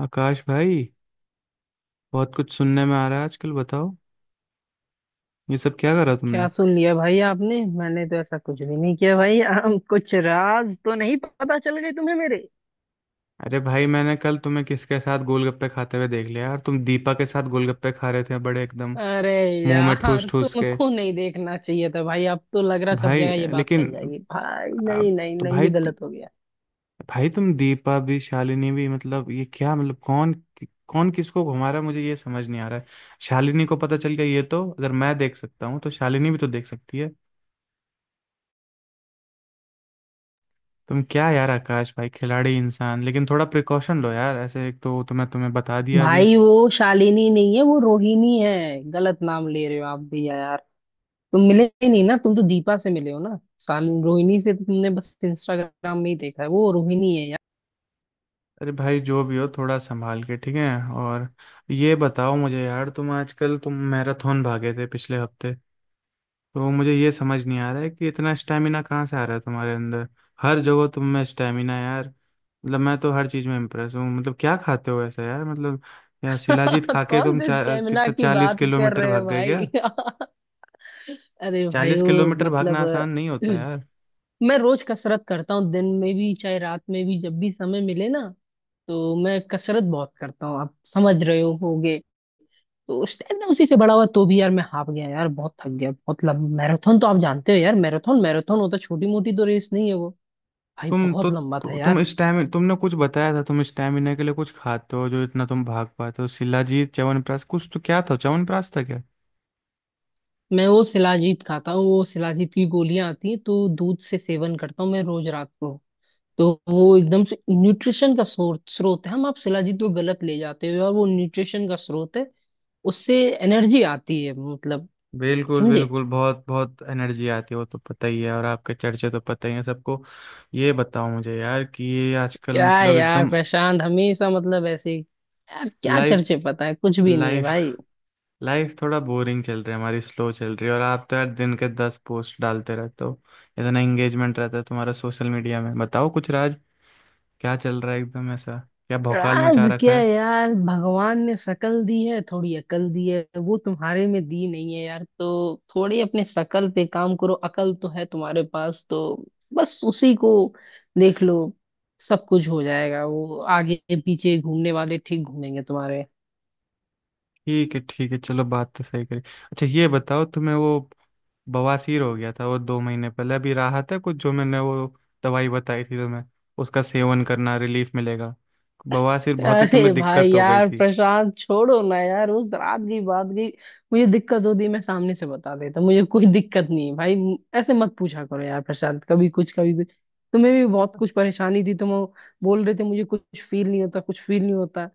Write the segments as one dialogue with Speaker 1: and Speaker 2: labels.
Speaker 1: आकाश भाई, बहुत कुछ सुनने में आ रहा है आजकल। बताओ, ये सब क्या करा
Speaker 2: क्या
Speaker 1: तुमने?
Speaker 2: सुन लिया भाई आपने? मैंने तो ऐसा कुछ भी नहीं किया भाई। हम कुछ राज तो नहीं पता चल गए तुम्हें मेरे?
Speaker 1: अरे भाई, मैंने कल तुम्हें किसके साथ गोलगप्पे खाते हुए देख लिया? यार तुम दीपा के साथ गोलगप्पे खा रहे थे, बड़े एकदम
Speaker 2: अरे
Speaker 1: मुंह में
Speaker 2: यार,
Speaker 1: ठूस ठूस के।
Speaker 2: तुमको नहीं देखना चाहिए था भाई। अब तो लग रहा सब
Speaker 1: भाई
Speaker 2: जगह ये बात
Speaker 1: लेकिन
Speaker 2: फैल जाएगी भाई।
Speaker 1: अब
Speaker 2: नहीं नहीं
Speaker 1: तो
Speaker 2: नहीं,
Speaker 1: भाई,
Speaker 2: ये गलत हो गया।
Speaker 1: भाई तुम दीपा भी शालिनी भी, मतलब ये क्या? मतलब कौन कौन किसको घुमा रहा है, मुझे ये समझ नहीं आ रहा है। शालिनी को पता चल गया ये तो, अगर मैं देख सकता हूँ तो शालिनी भी तो देख सकती है। तुम क्या यार आकाश भाई, खिलाड़ी इंसान, लेकिन थोड़ा प्रिकॉशन लो यार ऐसे। एक तो तुम्हें तुम्हें बता दिया अभी।
Speaker 2: भाई वो शालिनी नहीं है, वो रोहिणी है। गलत नाम ले रहे हो आप भी यार। तुम मिले ही नहीं ना, तुम तो दीपा से मिले हो ना। शालिनी रोहिणी से तो तुमने बस इंस्टाग्राम में ही देखा है, वो रोहिणी है यार।
Speaker 1: अरे भाई जो भी हो, थोड़ा संभाल के, ठीक है। और ये बताओ मुझे यार, तुम मैराथन भागे थे पिछले हफ्ते। तो मुझे ये समझ नहीं आ रहा है कि इतना स्टेमिना कहाँ से आ रहा है तुम्हारे अंदर। हर जगह तुम में स्टेमिना यार। मतलब मैं तो हर चीज में इम्प्रेस हूँ, मतलब क्या खाते हो ऐसा यार मतलब। यार शिलाजीत खा के
Speaker 2: कौन
Speaker 1: तुम
Speaker 2: से स्टेमिना
Speaker 1: कितना
Speaker 2: की
Speaker 1: चालीस
Speaker 2: बात कर
Speaker 1: किलोमीटर
Speaker 2: रहे हो
Speaker 1: भाग गए क्या?
Speaker 2: भाई? अरे भाई
Speaker 1: चालीस
Speaker 2: वो
Speaker 1: किलोमीटर
Speaker 2: मतलब।
Speaker 1: भागना आसान नहीं होता यार।
Speaker 2: मैं रोज कसरत करता हूँ, दिन में भी चाहे रात में भी, जब भी समय मिले ना। तो मैं कसरत बहुत करता हूँ, आप समझ रहे हो होगे। तो उस टाइम ना उसी से बड़ा हुआ, तो भी यार मैं हाफ गया यार, बहुत थक गया। बहुत लंबा मैराथन तो आप जानते हो यार, मैराथन मैराथन होता, छोटी मोटी तो रेस नहीं है वो। भाई
Speaker 1: तुम
Speaker 2: बहुत
Speaker 1: तो,
Speaker 2: लंबा था यार।
Speaker 1: तुमने कुछ बताया था, तुम स्टैमिना के लिए कुछ खाते हो जो इतना तुम भाग पाते हो। शिलाजीत च्यवनप्राश कुछ तो क्या था, च्यवनप्राश था क्या?
Speaker 2: मैं वो शिलाजीत खाता हूँ, वो शिलाजीत की गोलियां आती हैं, तो दूध से सेवन करता हूँ मैं रोज रात को। तो वो एकदम से न्यूट्रिशन का स्रोत स्रोत है। हम आप शिलाजीत को गलत ले जाते हो, और वो न्यूट्रिशन का स्रोत है। उससे एनर्जी आती है मतलब।
Speaker 1: बिल्कुल
Speaker 2: समझे?
Speaker 1: बिल्कुल, बहुत बहुत एनर्जी आती है वो तो पता ही है, और आपके चर्चे तो पता ही है सबको। ये बताओ मुझे यार कि ये आजकल
Speaker 2: क्या है
Speaker 1: मतलब
Speaker 2: यार
Speaker 1: एकदम।
Speaker 2: प्रशांत, हमेशा मतलब यार क्या
Speaker 1: लाइफ
Speaker 2: चर्चे, पता है कुछ भी नहीं है
Speaker 1: लाइफ
Speaker 2: भाई।
Speaker 1: लाइफ थोड़ा बोरिंग चल रही है हमारी, स्लो चल रही है, और आप तो यार दिन के 10 पोस्ट डालते रहते हो। इतना एंगेजमेंट रहता है तुम्हारा सोशल मीडिया में, बताओ कुछ राज, क्या चल रहा है एकदम ऐसा? क्या भौकाल
Speaker 2: आज
Speaker 1: मचा रखा
Speaker 2: क्या
Speaker 1: है?
Speaker 2: यार, भगवान ने शकल दी है, थोड़ी अकल दी है, वो तुम्हारे में दी नहीं है यार। तो थोड़ी अपने शकल पे काम करो, अकल तो है तुम्हारे पास तो। बस उसी को देख लो, सब कुछ हो जाएगा। वो आगे पीछे घूमने वाले ठीक घूमेंगे तुम्हारे।
Speaker 1: ठीक है ठीक है, चलो बात तो सही करी। अच्छा ये बताओ, तुम्हें वो बवासीर हो गया था वो 2 महीने पहले, अभी राहत है कुछ? जो मैंने वो दवाई बताई थी तुम्हें, उसका सेवन करना, रिलीफ मिलेगा। बवासीर बहुत ही
Speaker 2: अरे
Speaker 1: तुम्हें
Speaker 2: भाई
Speaker 1: दिक्कत हो गई
Speaker 2: यार
Speaker 1: थी।
Speaker 2: प्रशांत, छोड़ो ना यार उस रात की बात की। मुझे दिक्कत होती मैं सामने से बता देता, मुझे कोई दिक्कत नहीं है भाई। ऐसे मत पूछा करो यार प्रशांत, कभी कुछ कभी कुछ। तुम्हें भी बहुत कुछ परेशानी थी, तुम बोल रहे थे मुझे कुछ फील नहीं होता कुछ फील नहीं होता।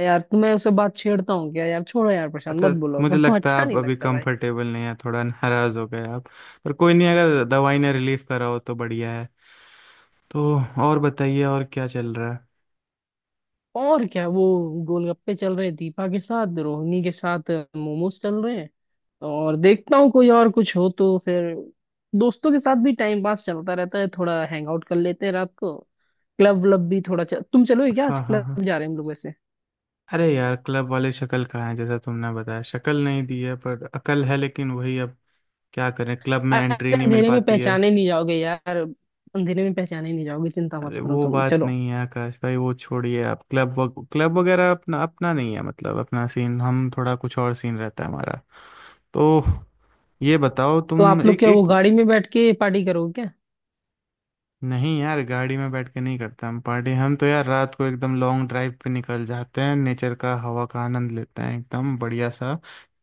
Speaker 2: यार तुम्हें उससे बात छेड़ता हूँ क्या यार? छोड़ो यार प्रशांत,
Speaker 1: अच्छा।
Speaker 2: मत बोलो
Speaker 1: मुझे
Speaker 2: करो।
Speaker 1: लगता है
Speaker 2: अच्छा
Speaker 1: आप
Speaker 2: नहीं
Speaker 1: अभी
Speaker 2: लगता भाई।
Speaker 1: कंफर्टेबल नहीं है, थोड़ा नाराज हो गए आप। पर कोई नहीं, अगर दवाई ने रिलीफ करा हो तो बढ़िया है। तो और बताइए, और क्या चल रहा है?
Speaker 2: और क्या वो गोलगप्पे चल रहे दीपा के साथ, रोहिणी के साथ मोमोज चल रहे हैं। और देखता हूँ कोई और कुछ हो तो फिर। दोस्तों के साथ भी टाइम पास चलता रहता है, थोड़ा हैंग आउट कर लेते हैं रात को। क्लब व्लब भी थोड़ा चल... तुम चलोगे क्या? आज
Speaker 1: हाँ हाँ
Speaker 2: क्लब
Speaker 1: हाँ।
Speaker 2: जा रहे हैं हम लोग वैसे।
Speaker 1: अरे यार क्लब वाले, शक्ल कहाँ है जैसा तुमने बताया? शक्ल नहीं दी है पर अकल है, लेकिन वही अब क्या करें, क्लब में
Speaker 2: अरे
Speaker 1: एंट्री नहीं मिल
Speaker 2: अंधेरे में
Speaker 1: पाती है।
Speaker 2: पहचाने नहीं जाओगे यार, अंधेरे में पहचाने नहीं जाओगे, चिंता मत
Speaker 1: अरे
Speaker 2: करो,
Speaker 1: वो
Speaker 2: तुम
Speaker 1: बात
Speaker 2: चलो।
Speaker 1: नहीं है आकाश भाई, वो छोड़िए। आप क्लब वगैरह अपना अपना नहीं है, मतलब अपना सीन, हम थोड़ा कुछ और सीन रहता है हमारा। तो ये बताओ
Speaker 2: तो
Speaker 1: तुम,
Speaker 2: आप लोग
Speaker 1: एक
Speaker 2: क्या वो
Speaker 1: एक।
Speaker 2: गाड़ी में बैठ के पार्टी करोगे क्या?
Speaker 1: नहीं यार गाड़ी में बैठ के नहीं करते हम पार्टी, हम तो यार रात को एकदम लॉन्ग ड्राइव पे निकल जाते हैं, नेचर का हवा का आनंद लेते हैं एकदम बढ़िया सा।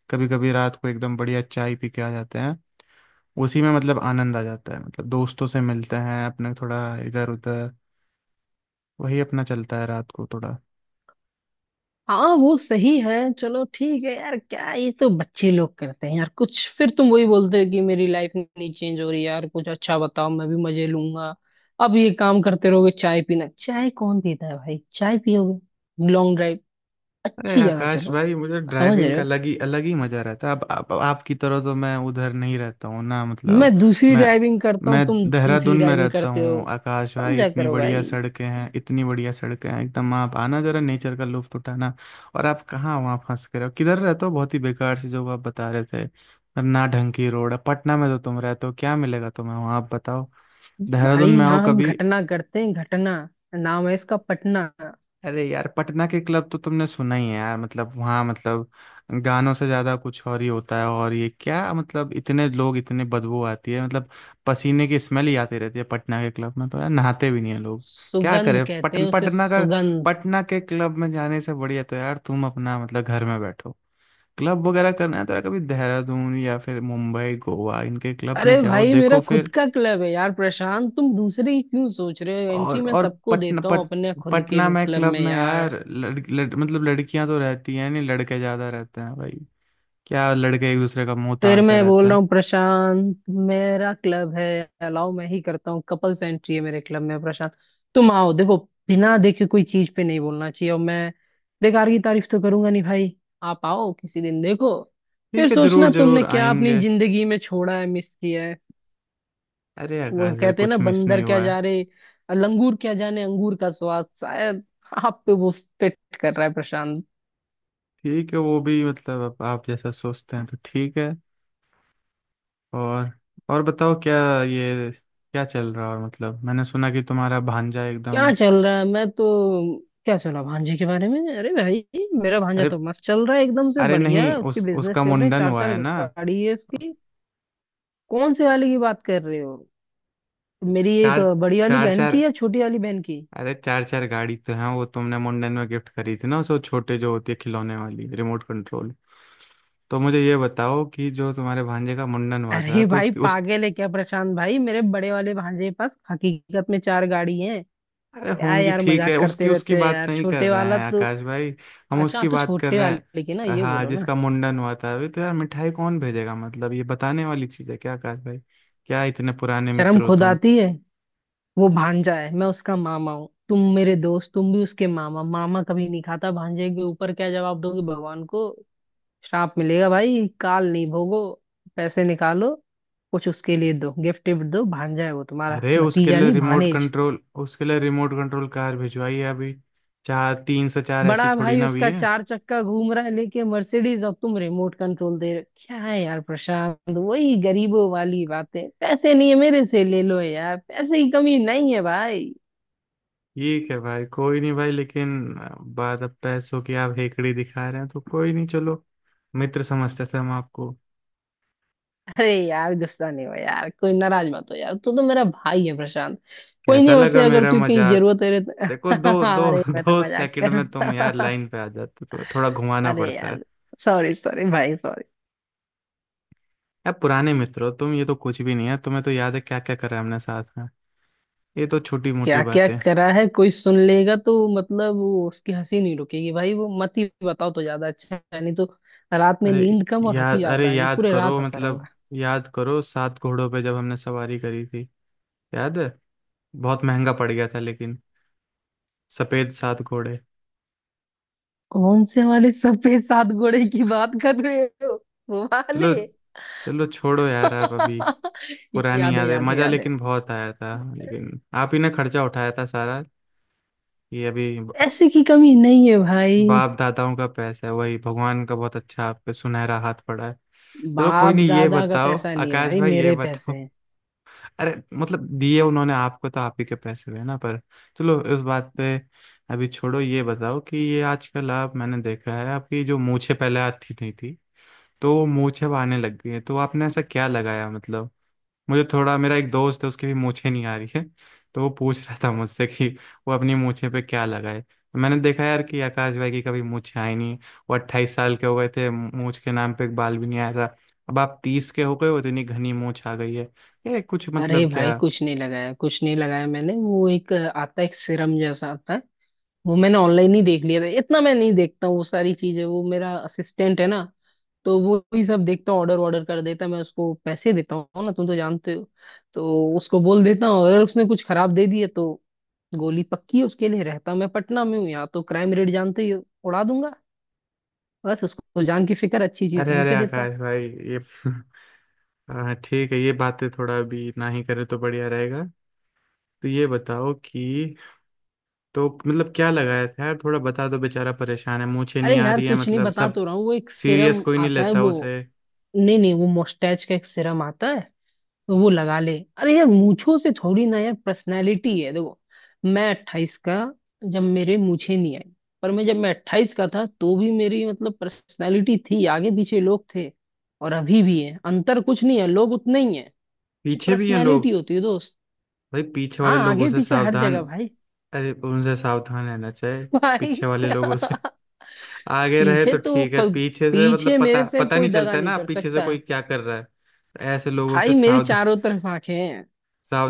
Speaker 1: कभी कभी रात को एकदम बढ़िया चाय पी के आ जाते हैं। उसी में मतलब आनंद आ जाता है, मतलब दोस्तों से मिलते हैं अपने, थोड़ा इधर उधर, वही अपना चलता है रात को थोड़ा।
Speaker 2: हाँ वो सही है। चलो ठीक है यार, क्या ये तो बच्चे लोग करते हैं यार कुछ। फिर तुम वही बोलते हो कि मेरी लाइफ नहीं चेंज हो रही, यार कुछ अच्छा बताओ, मैं भी मजे लूंगा। अब ये काम करते रहोगे, चाय पीना? चाय कौन पीता है भाई? चाय पियोगे लॉन्ग ड्राइव?
Speaker 1: अरे
Speaker 2: अच्छी जगह
Speaker 1: आकाश
Speaker 2: चलो।
Speaker 1: भाई, मुझे
Speaker 2: समझ
Speaker 1: ड्राइविंग
Speaker 2: रहे
Speaker 1: का
Speaker 2: हो?
Speaker 1: अलग ही मजा रहता है। अब आपकी तरह तो मैं उधर नहीं रहता हूँ ना
Speaker 2: मैं
Speaker 1: मतलब।
Speaker 2: दूसरी
Speaker 1: मैं
Speaker 2: ड्राइविंग करता हूँ,
Speaker 1: मैं
Speaker 2: तुम
Speaker 1: देहरादून
Speaker 2: दूसरी
Speaker 1: में
Speaker 2: ड्राइविंग
Speaker 1: रहता
Speaker 2: करते हो।
Speaker 1: हूँ आकाश भाई,
Speaker 2: समझा
Speaker 1: इतनी
Speaker 2: करो
Speaker 1: बढ़िया
Speaker 2: भाई।
Speaker 1: सड़कें हैं, इतनी बढ़िया सड़कें हैं एकदम। आप आना जरा, नेचर का लुत्फ उठाना। और आप कहाँ वहाँ फंस के रहो, किधर रहते हो बहुत ही बेकार सी, जो आप बता रहे थे। ना ढंग की रोड है पटना में, तो तुम रहते हो, क्या मिलेगा तुम्हें वहाँ, आप बताओ।
Speaker 2: भाई
Speaker 1: देहरादून में आओ
Speaker 2: यहाँ हम
Speaker 1: कभी।
Speaker 2: घटना करते हैं, घटना नाम है इसका पटना।
Speaker 1: अरे यार पटना के क्लब तो तुमने सुना ही है यार, मतलब वहाँ मतलब गानों से ज्यादा कुछ और ही होता है। और ये क्या मतलब, इतने लोग, इतने बदबू आती है मतलब, पसीने की स्मेल ही आती रहती है पटना के क्लब में। तो यार नहाते भी नहीं है लोग। क्या
Speaker 2: सुगंध
Speaker 1: करें,
Speaker 2: कहते
Speaker 1: पट,
Speaker 2: हैं उसे,
Speaker 1: पटना का
Speaker 2: सुगंध।
Speaker 1: पटना के क्लब में जाने से बढ़िया तो यार तुम अपना मतलब घर में बैठो। क्लब वगैरह करना है तो यार कभी देहरादून या फिर मुंबई गोवा, इनके क्लब
Speaker 2: अरे
Speaker 1: में जाओ,
Speaker 2: भाई मेरा
Speaker 1: देखो
Speaker 2: खुद
Speaker 1: फिर।
Speaker 2: का क्लब है यार प्रशांत, तुम दूसरे ही क्यों सोच रहे हो?
Speaker 1: और
Speaker 2: एंट्री मैं
Speaker 1: और
Speaker 2: सबको देता हूँ अपने खुद के
Speaker 1: पटना में
Speaker 2: क्लब
Speaker 1: क्लब
Speaker 2: में
Speaker 1: में
Speaker 2: यार।
Speaker 1: यार लड़, लड़, मतलब लड़कियां तो रहती हैं नहीं, लड़के ज्यादा रहते हैं भाई। क्या लड़के एक दूसरे का मुंह
Speaker 2: फिर
Speaker 1: ताड़ते
Speaker 2: मैं
Speaker 1: रहते
Speaker 2: बोल रहा
Speaker 1: हैं?
Speaker 2: हूँ प्रशांत, मेरा क्लब है। अलाउ मैं ही करता हूँ, कपल्स एंट्री है मेरे क्लब में प्रशांत। तुम आओ, देखो। बिना देखे कोई चीज पे नहीं बोलना चाहिए, और मैं बेकार की तारीफ तो करूंगा नहीं भाई। आप आओ किसी दिन, देखो। फिर
Speaker 1: ठीक है,
Speaker 2: सोचना
Speaker 1: जरूर जरूर
Speaker 2: तुमने क्या अपनी
Speaker 1: आएंगे।
Speaker 2: जिंदगी में छोड़ा है, मिस किया है।
Speaker 1: अरे
Speaker 2: वो
Speaker 1: आकाश भाई,
Speaker 2: कहते हैं ना,
Speaker 1: कुछ मिस
Speaker 2: बंदर
Speaker 1: नहीं
Speaker 2: क्या
Speaker 1: हुआ है।
Speaker 2: जा रहे, लंगूर क्या जाने अंगूर का स्वाद, शायद आप पे वो फिट कर रहा है प्रशांत।
Speaker 1: ठीक है, वो भी मतलब आप जैसा सोचते हैं तो ठीक है। और और बताओ क्या, ये क्या चल रहा है, और मतलब मैंने सुना कि तुम्हारा भांजा एकदम।
Speaker 2: क्या चल रहा है मैं तो? क्या सुना भांजे के बारे में? अरे भाई मेरा भांजा
Speaker 1: अरे
Speaker 2: तो मस्त चल रहा है, एकदम से
Speaker 1: अरे नहीं,
Speaker 2: बढ़िया, उसके
Speaker 1: उस
Speaker 2: बिजनेस
Speaker 1: उसका
Speaker 2: चल रहे हैं,
Speaker 1: मुंडन
Speaker 2: चार
Speaker 1: हुआ
Speaker 2: चार
Speaker 1: है ना।
Speaker 2: गाड़ी है उसकी। कौन से वाले की बात कर रहे हो, मेरी एक
Speaker 1: चार,
Speaker 2: बड़ी वाली
Speaker 1: चार
Speaker 2: बहन
Speaker 1: चार!
Speaker 2: की या छोटी वाली बहन की?
Speaker 1: अरे चार चार गाड़ी तो हैं, वो तुमने मुंडन में गिफ्ट करी थी ना, उस वो छोटे जो होती है खिलौने वाली, रिमोट कंट्रोल। तो मुझे ये बताओ कि जो तुम्हारे भांजे का मुंडन हुआ था
Speaker 2: अरे
Speaker 1: तो
Speaker 2: भाई
Speaker 1: उसकी उस
Speaker 2: पागल है क्या प्रशांत? भाई मेरे बड़े वाले भांजे के पास हकीकत में चार गाड़ी है।
Speaker 1: अरे
Speaker 2: क्या
Speaker 1: होंगी
Speaker 2: यार
Speaker 1: ठीक है,
Speaker 2: मजाक करते
Speaker 1: उसकी उसकी
Speaker 2: रहते हो
Speaker 1: बात
Speaker 2: यार,
Speaker 1: नहीं कर
Speaker 2: छोटे
Speaker 1: रहे
Speaker 2: वाला
Speaker 1: हैं
Speaker 2: तो।
Speaker 1: आकाश भाई। हम
Speaker 2: अच्छा,
Speaker 1: उसकी
Speaker 2: आप तो
Speaker 1: बात कर
Speaker 2: छोटे
Speaker 1: रहे
Speaker 2: वाले की, ना
Speaker 1: हैं
Speaker 2: ये
Speaker 1: हाँ,
Speaker 2: बोलो ना।
Speaker 1: जिसका मुंडन हुआ था अभी। तो यार मिठाई कौन भेजेगा, मतलब ये बताने वाली चीज़ है क्या आकाश भाई? क्या इतने पुराने
Speaker 2: शर्म
Speaker 1: मित्र हो
Speaker 2: खुद
Speaker 1: तुम!
Speaker 2: आती है। वो भांजा है, मैं उसका मामा हूँ, तुम मेरे दोस्त, तुम भी उसके मामा। मामा कभी नहीं खाता भांजे के ऊपर, क्या जवाब दोगे भगवान को? श्राप मिलेगा भाई, काल नहीं भोगो। पैसे निकालो, कुछ उसके लिए दो, गिफ्ट विफ्ट दो। भांजा है वो तुम्हारा,
Speaker 1: अरे उसके
Speaker 2: भतीजा
Speaker 1: लिए
Speaker 2: नहीं,
Speaker 1: रिमोट
Speaker 2: भानेज।
Speaker 1: कंट्रोल उसके लिए रिमोट कंट्रोल कार भिजवाई है अभी। चार, तीन से चार ऐसी
Speaker 2: बड़ा
Speaker 1: थोड़ी
Speaker 2: भाई
Speaker 1: ना हुई
Speaker 2: उसका
Speaker 1: है।
Speaker 2: चार चक्का घूम रहा है लेके मर्सिडीज, और तुम रिमोट कंट्रोल दे रहे हो। क्या है यार प्रशांत वही गरीबों वाली बातें? पैसे नहीं है मेरे से ले लो यार, पैसे की कमी नहीं है भाई।
Speaker 1: ठीक है भाई कोई नहीं भाई, लेकिन बात अब पैसों की, आप हेकड़ी दिखा रहे हैं तो कोई नहीं, चलो। मित्र समझते थे हम आपको।
Speaker 2: अरे यार गुस्सा नहीं हो यार, कोई नाराज मत हो यार, तू तो मेरा भाई है प्रशांत। कोई
Speaker 1: कैसा
Speaker 2: नहीं,
Speaker 1: लगा
Speaker 2: वैसे अगर
Speaker 1: मेरा
Speaker 2: तू कहीं
Speaker 1: मजाक?
Speaker 2: जरूरत है तो-
Speaker 1: देखो दो दो
Speaker 2: अरे मैं तो
Speaker 1: दो
Speaker 2: मजाक
Speaker 1: सेकंड
Speaker 2: कर
Speaker 1: में तुम यार
Speaker 2: रहा।
Speaker 1: लाइन पे आ जाते हो, तो थोड़ा घुमाना
Speaker 2: अरे
Speaker 1: पड़ता है।
Speaker 2: यार सॉरी सॉरी भाई सॉरी।
Speaker 1: यार पुराने मित्र हो तुम, ये तो कुछ भी नहीं है। तुम्हें तो याद है क्या क्या करा है हमने साथ में, ये तो छोटी मोटी
Speaker 2: क्या क्या
Speaker 1: बातें हैं।
Speaker 2: करा है, कोई सुन लेगा तो मतलब वो उसकी हंसी नहीं रुकेगी भाई, वो मत ही बताओ तो ज्यादा अच्छा है, नहीं तो रात में
Speaker 1: अरे
Speaker 2: नींद कम और हंसी
Speaker 1: अरे
Speaker 2: ज्यादा आएगी,
Speaker 1: याद
Speaker 2: पूरे रात
Speaker 1: करो
Speaker 2: हंसता
Speaker 1: मतलब,
Speaker 2: रहूंगा।
Speaker 1: याद करो, 7 घोड़ों पे जब हमने सवारी करी थी, याद है? बहुत महंगा पड़ गया था लेकिन, सफेद 7 घोड़े।
Speaker 2: कौन से वाले सफेद सात घोड़े की बात कर रहे हो, वो
Speaker 1: चलो
Speaker 2: वाले?
Speaker 1: चलो, छोड़ो यार आप अभी। पुरानी
Speaker 2: याद है
Speaker 1: याद है,
Speaker 2: याद है
Speaker 1: मजा
Speaker 2: याद है।
Speaker 1: लेकिन बहुत आया था, लेकिन आप ही ने खर्चा उठाया था सारा। ये अभी।
Speaker 2: पैसे की कमी नहीं है भाई।
Speaker 1: बाप दादाओं का पैसा है, वही भगवान का, बहुत अच्छा आप पे सुनहरा हाथ पड़ा है। चलो कोई
Speaker 2: बाप
Speaker 1: नहीं, ये
Speaker 2: दादा का
Speaker 1: बताओ
Speaker 2: पैसा नहीं है
Speaker 1: आकाश
Speaker 2: भाई,
Speaker 1: भाई, ये
Speaker 2: मेरे पैसे
Speaker 1: बताओ।
Speaker 2: हैं।
Speaker 1: अरे मतलब दिए उन्होंने आपको, तो आप ही के पैसे हुए ना, पर चलो इस बात पे अभी छोड़ो। ये बताओ कि ये आजकल आप, मैंने देखा है आपकी जो मूछें पहले आती नहीं थी, तो वो मूछें अब आने लग गई है, तो आपने ऐसा क्या लगाया मतलब? मुझे थोड़ा, मेरा एक दोस्त है, उसकी भी मूछें नहीं आ रही है, तो वो पूछ रहा था मुझसे कि वो अपनी मूछें पे क्या लगाए। तो मैंने देखा यार कि आकाश भाई की कभी मूछें आई नहीं, वो 28 साल के हो गए थे, मूछ के नाम पे एक बाल भी नहीं आया था। अब आप 30 के हो गए हो, इतनी घनी मूछ आ गई है। ये कुछ
Speaker 2: अरे
Speaker 1: मतलब
Speaker 2: भाई
Speaker 1: क्या?
Speaker 2: कुछ नहीं लगाया, कुछ नहीं लगाया, मैंने वो एक आता है, एक सिरम जैसा आता है। वो मैंने ऑनलाइन ही देख लिया था, इतना मैं नहीं देखता हूँ वो सारी चीजें, वो मेरा असिस्टेंट है ना। तो वो ही सब देखता हूँ, ऑर्डर ऑर्डर कर देता है, मैं उसको पैसे देता हूँ ना, तुम तो जानते हो। तो उसको बोल देता हूँ, अगर उसने कुछ खराब दे दिया तो गोली पक्की है उसके लिए, रहता मैं पटना में हूँ, यहाँ तो क्राइम रेट जानते ही हो, उड़ा दूंगा। बस उसको जान की फिक्र, अच्छी चीज
Speaker 1: अरे
Speaker 2: ढूंढ
Speaker 1: अरे
Speaker 2: के देता है।
Speaker 1: आकाश भाई ये हाँ ठीक है, ये बातें थोड़ा अभी ना ही करे तो बढ़िया रहेगा। तो ये बताओ कि तो मतलब क्या लगाया था यार, थोड़ा बता दो, बेचारा परेशान है, मूछें
Speaker 2: अरे
Speaker 1: नहीं आ
Speaker 2: यार
Speaker 1: रही है
Speaker 2: कुछ नहीं,
Speaker 1: मतलब
Speaker 2: बता
Speaker 1: सब।
Speaker 2: तो रहा हूँ, वो एक
Speaker 1: सीरियस
Speaker 2: सिरम
Speaker 1: कोई नहीं
Speaker 2: आता है
Speaker 1: लेता
Speaker 2: वो।
Speaker 1: उसे।
Speaker 2: नहीं नहीं, वो मोस्टैच का एक सिरम आता है, तो वो लगा ले। अरे यार मूंछों से थोड़ी ना यार पर्सनैलिटी है, देखो मैं अट्ठाईस का, जब मेरे मूंछें नहीं आई, पर मैं जब मैं अट्ठाईस का था तो भी मेरी मतलब पर्सनैलिटी थी, आगे पीछे लोग थे। और अभी भी है, अंतर कुछ नहीं है, लोग उतने ही हैं। वो
Speaker 1: पीछे भी हैं
Speaker 2: पर्सनैलिटी
Speaker 1: लोग
Speaker 2: होती है दोस्त।
Speaker 1: भाई, पीछे वाले
Speaker 2: हाँ
Speaker 1: लोगों
Speaker 2: आगे
Speaker 1: से
Speaker 2: पीछे हर
Speaker 1: सावधान।
Speaker 2: जगह भाई।
Speaker 1: अरे उनसे सावधान रहना चाहिए,
Speaker 2: भाई।
Speaker 1: पीछे वाले लोगों से। आगे रहे
Speaker 2: पीछे
Speaker 1: तो
Speaker 2: तो
Speaker 1: ठीक है,
Speaker 2: क-
Speaker 1: पीछे से मतलब
Speaker 2: पीछे
Speaker 1: पता
Speaker 2: मेरे से
Speaker 1: पता
Speaker 2: कोई
Speaker 1: नहीं
Speaker 2: दगा
Speaker 1: चलता है
Speaker 2: नहीं
Speaker 1: ना
Speaker 2: कर
Speaker 1: पीछे से
Speaker 2: सकता
Speaker 1: कोई क्या कर रहा है, तो ऐसे लोगों से
Speaker 2: भाई, मेरी
Speaker 1: सावधान।
Speaker 2: चारों तरफ आंखें हैं।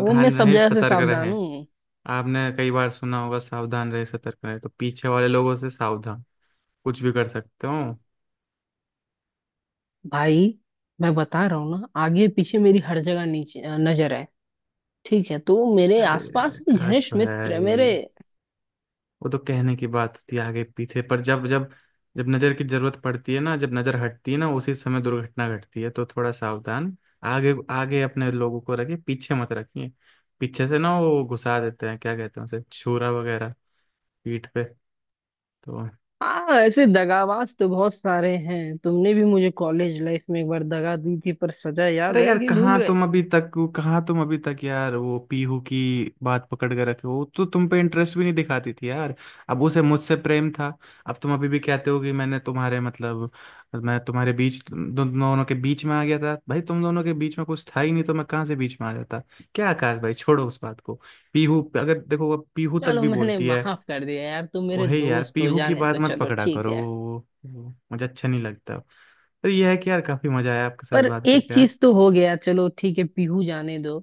Speaker 2: वो मैं सब
Speaker 1: रहें,
Speaker 2: जगह से
Speaker 1: सतर्क
Speaker 2: सावधान
Speaker 1: रहें।
Speaker 2: हूँ।
Speaker 1: आपने कई बार सुना होगा सावधान रहे सतर्क रहे, तो पीछे वाले लोगों से सावधान, कुछ भी कर सकते हो।
Speaker 2: भाई मैं बता रहा हूँ ना, आगे पीछे मेरी हर जगह नीचे नजर है। ठीक है, तो मेरे
Speaker 1: अरे
Speaker 2: आसपास भी
Speaker 1: काश
Speaker 2: घनिष्ठ मित्र
Speaker 1: भाई,
Speaker 2: मेरे।
Speaker 1: वो तो कहने की बात होती है आगे पीछे। पर जब जब जब नजर की जरूरत पड़ती है ना, जब नजर हटती है ना, उसी समय दुर्घटना घटती है, तो थोड़ा सावधान। आगे आगे अपने लोगों को रखिए, पीछे मत रखिए। पीछे से ना वो घुसा देते हैं, क्या कहते हैं उसे, छुरा वगैरह पीठ पे। तो
Speaker 2: हाँ ऐसे दगाबाज तो बहुत सारे हैं, तुमने भी मुझे कॉलेज लाइफ में एक बार दगा दी थी, पर सजा याद
Speaker 1: अरे
Speaker 2: है
Speaker 1: यार
Speaker 2: कि भूल
Speaker 1: कहाँ
Speaker 2: गए?
Speaker 1: तुम अभी तक कहाँ तुम अभी तक यार वो पीहू की बात पकड़ के रखे हो, वो तो तुम पे इंटरेस्ट भी नहीं दिखाती थी यार, अब उसे मुझसे प्रेम था। अब तुम अभी भी कहते हो कि मैंने तुम्हारे मतलब, मैं तुम्हारे बीच, तुम दोनों के बीच में आ गया था। भाई तुम दोनों के बीच में कुछ था ही नहीं, तो मैं कहाँ से बीच में आ जाता? क्या आकाश भाई, छोड़ो उस बात को, अगर देखो अब पीहू तक
Speaker 2: चलो
Speaker 1: भी
Speaker 2: मैंने
Speaker 1: बोलती है।
Speaker 2: माफ कर दिया यार, तुम मेरे
Speaker 1: वही यार,
Speaker 2: दोस्त हो,
Speaker 1: पीहू की
Speaker 2: जाने
Speaker 1: बात
Speaker 2: दो,
Speaker 1: मत
Speaker 2: चलो
Speaker 1: पकड़ा
Speaker 2: ठीक
Speaker 1: करो,
Speaker 2: है।
Speaker 1: मुझे अच्छा नहीं लगता। तो ये है कि यार काफी मजा आया आपके साथ
Speaker 2: पर
Speaker 1: बात
Speaker 2: एक
Speaker 1: करके आज,
Speaker 2: चीज तो हो गया, चलो ठीक है, पीहू जाने दो।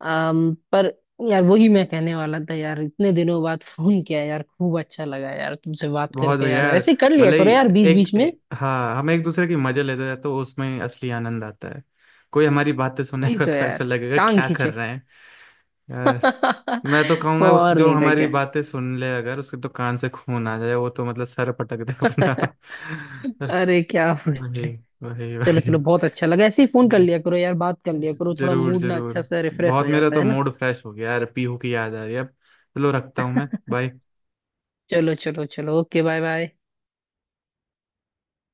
Speaker 2: अम पर यार वही मैं कहने वाला था यार, इतने दिनों बाद फोन किया यार, खूब अच्छा लगा यार तुमसे बात
Speaker 1: बहुत
Speaker 2: करके,
Speaker 1: बढ़िया
Speaker 2: यार
Speaker 1: यार।
Speaker 2: ऐसे ही कर लिया
Speaker 1: भले ही
Speaker 2: करो यार बीच बीच
Speaker 1: एक,
Speaker 2: में।
Speaker 1: एक हाँ, हम एक दूसरे की मजे लेते हैं तो उसमें असली आनंद आता है। कोई हमारी बातें
Speaker 2: वही
Speaker 1: सुनेगा
Speaker 2: तो
Speaker 1: तो ऐसा
Speaker 2: यार,
Speaker 1: लगेगा
Speaker 2: टांग
Speaker 1: क्या कर
Speaker 2: खींचे।
Speaker 1: रहे हैं। यार मैं तो कहूंगा उस,
Speaker 2: और
Speaker 1: जो
Speaker 2: नहीं था
Speaker 1: हमारी
Speaker 2: क्या?
Speaker 1: बातें सुन ले अगर, उसके तो कान से खून आ जाए, वो तो मतलब सर पटक दे अपना।
Speaker 2: अरे क्या बोले।
Speaker 1: वही वही
Speaker 2: चलो
Speaker 1: वही,
Speaker 2: चलो बहुत अच्छा लगा, ऐसे ही फोन
Speaker 1: ठीक
Speaker 2: कर
Speaker 1: है,
Speaker 2: लिया करो यार, बात कर लिया करो, थोड़ा
Speaker 1: जरूर
Speaker 2: मूड ना अच्छा
Speaker 1: जरूर।
Speaker 2: सा रिफ्रेश हो
Speaker 1: बहुत, मेरा
Speaker 2: जाता
Speaker 1: तो
Speaker 2: है ना।
Speaker 1: मूड फ्रेश हो गया यार, पीहू की याद आ रही है अब। चलो रखता हूँ मैं, बाय।
Speaker 2: चलो चलो चलो, ओके, बाय बाय।